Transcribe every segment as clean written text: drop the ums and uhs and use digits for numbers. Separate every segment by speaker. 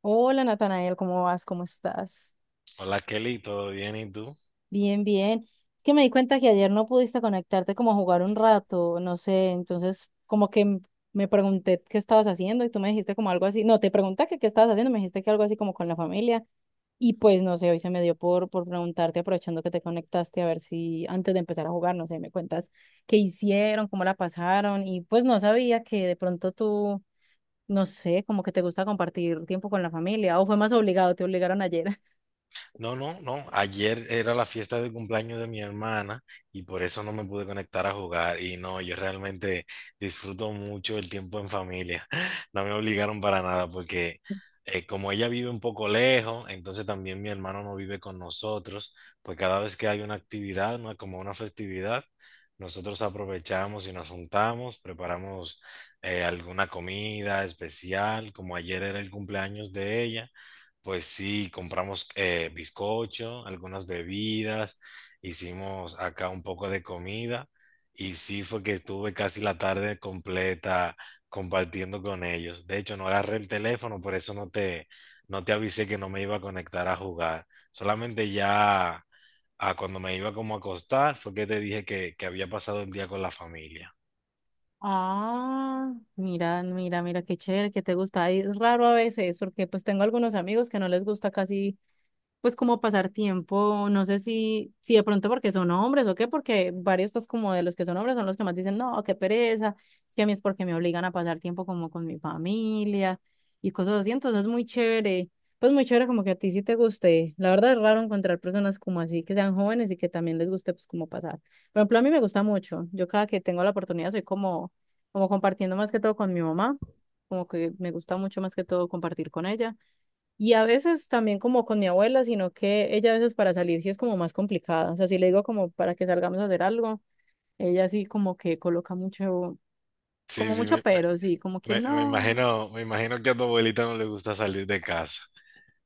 Speaker 1: Hola Natanael, ¿cómo vas? ¿Cómo estás?
Speaker 2: Hola Kelly, ¿todo bien? ¿Y tú?
Speaker 1: Bien, bien. Es que me di cuenta que ayer no pudiste conectarte como a jugar un rato, no sé, entonces como que me pregunté qué estabas haciendo y tú me dijiste como algo así, no, te pregunté que qué estabas haciendo, me dijiste que algo así como con la familia y pues no sé, hoy se me dio por preguntarte aprovechando que te conectaste a ver si antes de empezar a jugar, no sé, me cuentas qué hicieron, cómo la pasaron y pues no sabía que de pronto tú, no sé, como que te gusta compartir tiempo con la familia o fue más obligado, te obligaron ayer.
Speaker 2: No, no, no. Ayer era la fiesta de cumpleaños de mi hermana y por eso no me pude conectar a jugar. Y no, yo realmente disfruto mucho el tiempo en familia. No me obligaron para nada porque como ella vive un poco lejos, entonces también mi hermano no vive con nosotros, pues cada vez que hay una actividad, ¿no? Como una festividad, nosotros aprovechamos y nos juntamos, preparamos alguna comida especial, como ayer era el cumpleaños de ella. Pues sí, compramos bizcocho, algunas bebidas, hicimos acá un poco de comida y sí fue que estuve casi la tarde completa compartiendo con ellos. De hecho, no agarré el teléfono, por eso no te avisé que no me iba a conectar a jugar. Solamente ya a cuando me iba como a acostar fue que te dije que había pasado el día con la familia.
Speaker 1: Ah, mira, mira, mira, qué chévere, que te gusta. Ay, es raro a veces, porque pues tengo algunos amigos que no les gusta casi pues como pasar tiempo, no sé si de pronto porque son hombres o qué, porque varios pues como de los que son hombres son los que más dicen, no, qué pereza, es que a mí es porque me obligan a pasar tiempo como con mi familia y cosas así, entonces es muy chévere, pues muy chévere como que a ti sí te guste, la verdad es raro encontrar personas como así que sean jóvenes y que también les guste pues como pasar, por ejemplo a mí me gusta mucho, yo cada que tengo la oportunidad soy como, como compartiendo más que todo con mi mamá, como que me gusta mucho más que todo compartir con ella. Y a veces también como con mi abuela, sino que ella a veces para salir sí es como más complicada. O sea, si le digo como para que salgamos a hacer algo, ella sí como que coloca mucho,
Speaker 2: Sí,
Speaker 1: como
Speaker 2: sí,
Speaker 1: mucho
Speaker 2: me,
Speaker 1: pero, sí, como que
Speaker 2: me, me me
Speaker 1: no,
Speaker 2: imagino, me imagino que a tu abuelita no le gusta salir de casa.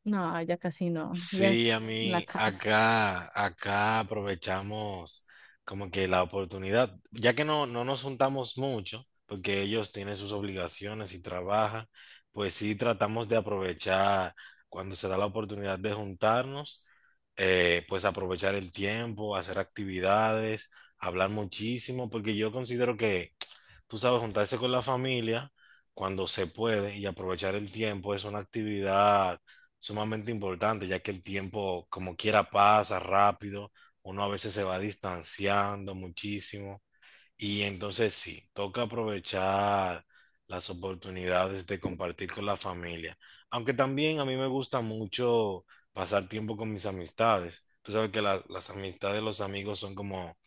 Speaker 1: no, ella casi no, ella
Speaker 2: Sí, a
Speaker 1: es la
Speaker 2: mí
Speaker 1: casa.
Speaker 2: acá aprovechamos como que la oportunidad, ya que no nos juntamos mucho, porque ellos tienen sus obligaciones y trabajan, pues sí tratamos de aprovechar cuando se da la oportunidad de juntarnos. Pues aprovechar el tiempo, hacer actividades, hablar muchísimo, porque yo considero que, tú sabes, juntarse con la familia cuando se puede y aprovechar el tiempo es una actividad sumamente importante, ya que el tiempo como quiera pasa rápido, uno a veces se va distanciando muchísimo y entonces sí, toca aprovechar las oportunidades de compartir con la familia, aunque también a mí me gusta mucho pasar tiempo con mis amistades. Tú sabes que las amistades, los amigos son como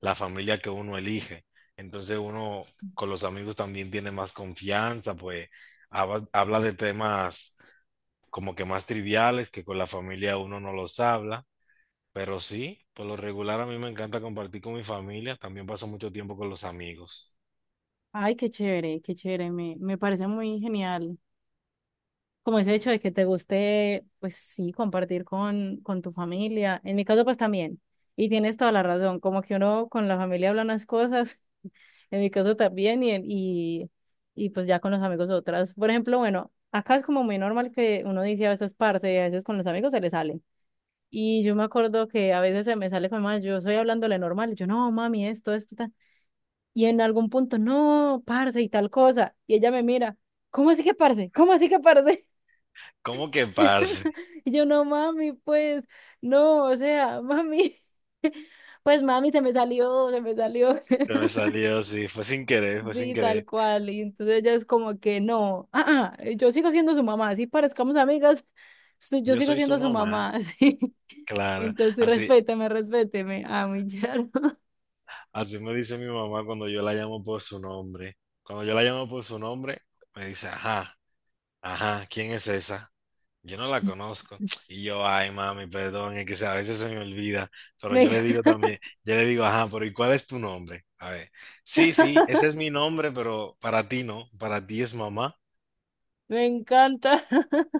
Speaker 2: la familia que uno elige. Entonces uno con los amigos también tiene más confianza, pues habla de temas como que más triviales que con la familia uno no los habla, pero sí, por lo regular a mí me encanta compartir con mi familia, también paso mucho tiempo con los amigos.
Speaker 1: Ay, qué chévere, me parece muy genial. Como ese hecho de que te guste, pues sí, compartir con tu familia. En mi caso, pues también. Y tienes toda la razón, como que uno con la familia habla unas cosas. En mi caso también, y, y pues ya con los amigos otras. Por ejemplo, bueno, acá es como muy normal que uno dice a veces parce, y a veces con los amigos se le sale. Y yo me acuerdo que a veces se me sale con mamá, yo estoy hablándole normal, y yo no, mami, esto, tal. Y en algún punto, no, parce, y tal cosa. Y ella me mira, ¿cómo así que parce? ¿Cómo así que parce?
Speaker 2: ¿Cómo que parce?
Speaker 1: Y yo, no, mami, pues, no, o sea, mami, pues mami, se me salió, se me salió.
Speaker 2: Se me salió, sí, fue sin querer, fue sin
Speaker 1: Sí, tal
Speaker 2: querer.
Speaker 1: cual. Y entonces ella es como que no, ah, ah, yo sigo siendo su mamá, así parezcamos amigas, sí, yo
Speaker 2: Yo
Speaker 1: sigo
Speaker 2: soy su
Speaker 1: siendo su mamá,
Speaker 2: mamá,
Speaker 1: así
Speaker 2: claro.
Speaker 1: Entonces,
Speaker 2: Así,
Speaker 1: respéteme, respéteme, ah mi yerno.
Speaker 2: así me dice mi mamá cuando yo la llamo por su nombre. Cuando yo la llamo por su nombre, me dice, ajá. Ajá, ¿quién es esa? Yo no la conozco. Y yo, ay, mami, perdón, es que a veces se me olvida, pero yo
Speaker 1: Me,
Speaker 2: le digo también, yo le digo, ajá, pero ¿y cuál es tu nombre? A ver, sí, sí, ese es mi nombre, pero para ti no, para ti es mamá.
Speaker 1: me encanta.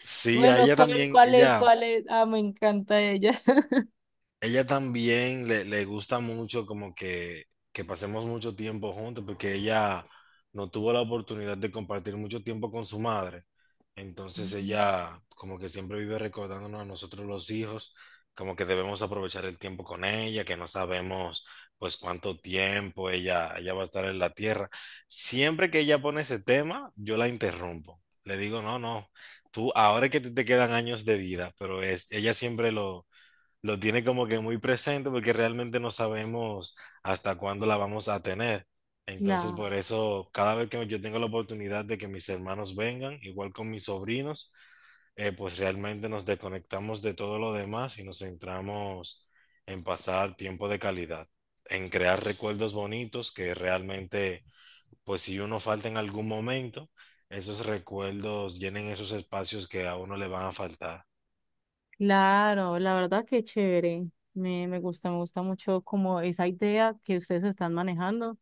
Speaker 2: Sí, a
Speaker 1: Bueno,
Speaker 2: ella
Speaker 1: ¿cuál,
Speaker 2: también.
Speaker 1: cuál es,
Speaker 2: ella
Speaker 1: cuál es? Ah, me encanta ella.
Speaker 2: Ella también le gusta mucho como que pasemos mucho tiempo juntos porque ella no tuvo la oportunidad de compartir mucho tiempo con su madre. Entonces ella como que siempre vive recordándonos a nosotros los hijos, como que debemos aprovechar el tiempo con ella, que no sabemos pues cuánto tiempo ella va a estar en la tierra. Siempre que ella pone ese tema, yo la interrumpo. Le digo, no, no, tú ahora es que te quedan años de vida, pero es, ella siempre lo tiene como que muy presente porque realmente no sabemos hasta cuándo la vamos a tener. Entonces,
Speaker 1: Claro,
Speaker 2: por eso, cada vez que yo tengo la oportunidad de que mis hermanos vengan, igual con mis sobrinos, pues realmente nos desconectamos de todo lo demás y nos centramos en pasar tiempo de calidad, en crear recuerdos bonitos que realmente, pues si uno falta en algún momento, esos recuerdos llenen esos espacios que a uno le van a faltar.
Speaker 1: claro, la verdad que chévere. Me gusta, me gusta mucho como esa idea que ustedes están manejando.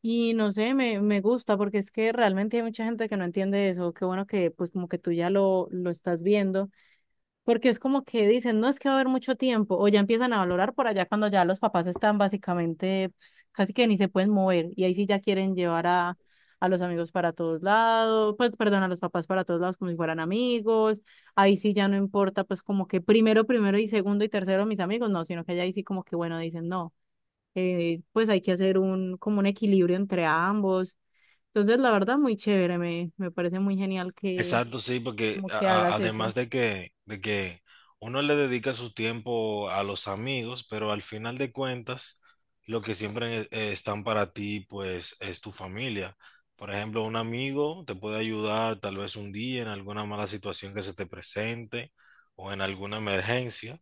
Speaker 1: Y no sé, me gusta porque es que realmente hay mucha gente que no entiende eso. Qué bueno que pues como que tú ya lo estás viendo, porque es como que dicen, no es que va a haber mucho tiempo, o ya empiezan a valorar por allá cuando ya los papás están básicamente, pues, casi que ni se pueden mover, y ahí sí ya quieren llevar a los amigos para todos lados, pues perdón, a los papás para todos lados como si fueran amigos, ahí sí ya no importa pues como que primero, primero y segundo y tercero mis amigos, no, sino que ya ahí sí como que bueno, dicen no pues hay que hacer un, como un equilibrio entre ambos. Entonces, la verdad, muy chévere, me parece muy genial que,
Speaker 2: Exacto, sí, porque
Speaker 1: como que hagas eso.
Speaker 2: además de que, uno le dedica su tiempo a los amigos, pero al final de cuentas, lo que siempre están para ti, pues, es tu familia. Por ejemplo, un amigo te puede ayudar tal vez un día en alguna mala situación que se te presente o en alguna emergencia,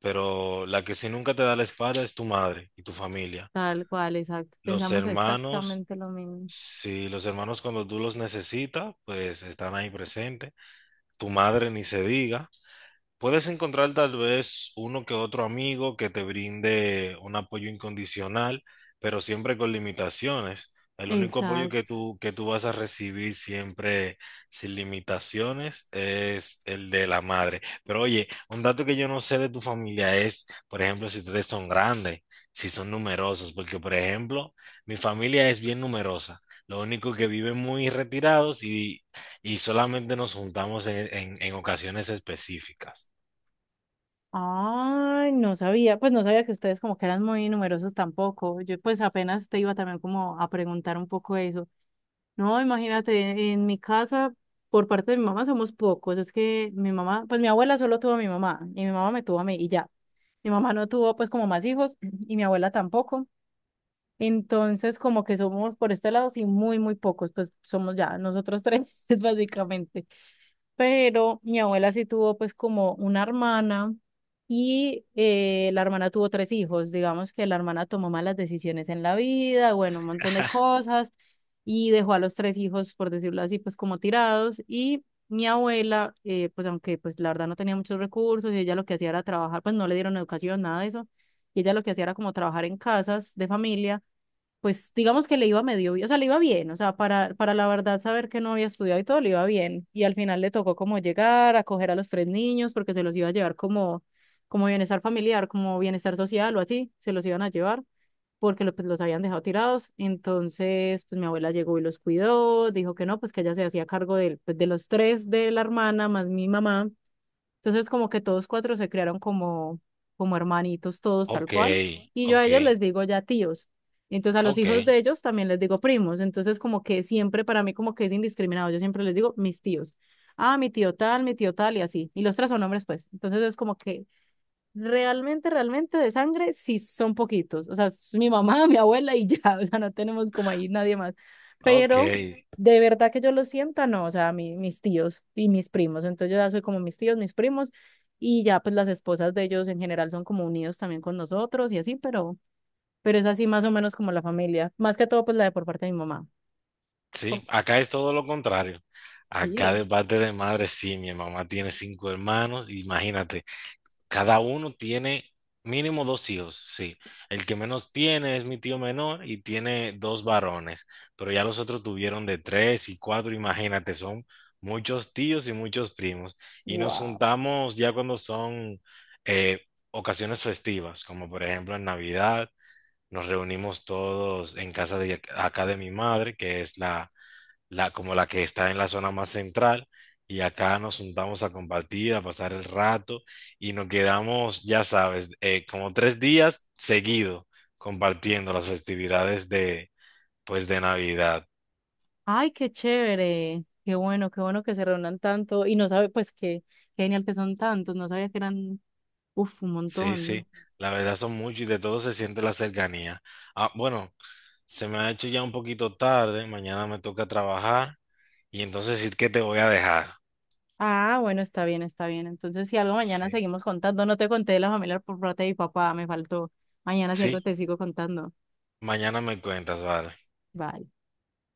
Speaker 2: pero la que si nunca te da la espalda es tu madre y tu familia.
Speaker 1: Tal cual, exacto.
Speaker 2: Los
Speaker 1: Pensamos
Speaker 2: hermanos,
Speaker 1: exactamente lo mismo.
Speaker 2: si los hermanos cuando tú los necesitas, pues están ahí presentes. Tu madre ni se diga. Puedes encontrar tal vez uno que otro amigo que te brinde un apoyo incondicional, pero siempre con limitaciones. El único apoyo que
Speaker 1: Exacto.
Speaker 2: que tú vas a recibir siempre sin limitaciones es el de la madre. Pero oye, un dato que yo no sé de tu familia es, por ejemplo, si ustedes son grandes, si son numerosos, porque por ejemplo, mi familia es bien numerosa. Lo único que viven muy retirados y solamente nos juntamos en en ocasiones específicas.
Speaker 1: Ay, no sabía, pues no sabía que ustedes como que eran muy numerosos tampoco. Yo pues apenas te iba también como a preguntar un poco eso. No, imagínate, en mi casa, por parte de mi mamá, somos pocos. Es que mi mamá, pues mi abuela solo tuvo a mi mamá y mi mamá me tuvo a mí y ya. Mi mamá no tuvo pues como más hijos y mi abuela tampoco. Entonces, como que somos por este lado, sí, muy, muy pocos, pues somos ya nosotros tres, es básicamente. Pero mi abuela sí tuvo pues como una hermana y la hermana tuvo tres hijos. Digamos que la hermana tomó malas decisiones en la vida, bueno, un montón de cosas y dejó a los tres hijos, por decirlo así, pues como tirados. Y mi abuela, pues aunque pues la verdad no tenía muchos recursos y ella lo que hacía era trabajar, pues no le dieron educación, nada de eso. Y ella lo que hacía era como trabajar en casas de familia pues digamos que le iba medio bien, o sea, le iba bien, o sea, para la verdad saber que no había estudiado y todo, le iba bien. Y al final le tocó como llegar, acoger a los tres niños, porque se los iba a llevar como, como bienestar familiar, como bienestar social o así, se los iban a llevar, porque pues, los habían dejado tirados. Entonces, pues mi abuela llegó y los cuidó, dijo que no, pues que ella se hacía cargo pues, de los tres de la hermana, más mi mamá. Entonces, como que todos cuatro se crearon como, como hermanitos, todos tal
Speaker 2: Ok,
Speaker 1: cual. Y yo a
Speaker 2: ok,
Speaker 1: ellos les digo ya tíos. Y entonces a los
Speaker 2: ok,
Speaker 1: hijos de ellos también les digo primos. Entonces, como que siempre para mí como que es indiscriminado. Yo siempre les digo mis tíos. Ah, mi tío tal y así. Y los tres son hombres, pues. Entonces es como que realmente, realmente de sangre, sí son poquitos. O sea, es mi mamá, mi abuela y ya. O sea, no tenemos como ahí nadie más.
Speaker 2: ok.
Speaker 1: Pero de verdad que yo lo sienta, no. O sea, mis tíos y mis primos. Entonces yo ya soy como mis tíos, mis primos. Y ya, pues las esposas de ellos en general son como unidos también con nosotros y así, pero es así más o menos como la familia. Más que todo, pues la de por parte de mi mamá. Por-
Speaker 2: Sí, acá es todo lo contrario. Acá
Speaker 1: sí,
Speaker 2: de parte de madre, sí, mi mamá tiene cinco hermanos, imagínate, cada uno tiene mínimo dos hijos, sí. El que menos tiene es mi tío menor y tiene dos varones, pero ya los otros tuvieron de tres y cuatro, imagínate, son muchos tíos y muchos primos. Y nos
Speaker 1: wow.
Speaker 2: juntamos ya cuando son eh, ocasiones festivas, como por ejemplo en Navidad. Nos reunimos todos en casa de acá de mi madre, que es la como la que está en la zona más central, y acá nos juntamos a compartir, a pasar el rato, y nos quedamos, ya sabes, como 3 días seguidos compartiendo las festividades de, pues, de Navidad.
Speaker 1: Ay, qué chévere. Qué bueno que se reúnan tanto. Y no sabe, pues que. Genial que son tantos, no sabía que eran uf, un
Speaker 2: Sí, sí,
Speaker 1: montón.
Speaker 2: la verdad son muchos y de todo se siente la cercanía. Ah, bueno, se me ha hecho ya un poquito tarde, mañana me toca trabajar, y entonces sí que te voy a dejar.
Speaker 1: Ah, bueno, está bien, está bien. Entonces, si algo mañana
Speaker 2: Sí,
Speaker 1: seguimos contando, no te conté de la familia por parte de mi papá, me faltó. Mañana si algo
Speaker 2: sí.
Speaker 1: te sigo contando.
Speaker 2: Mañana me cuentas, vale.
Speaker 1: Vale.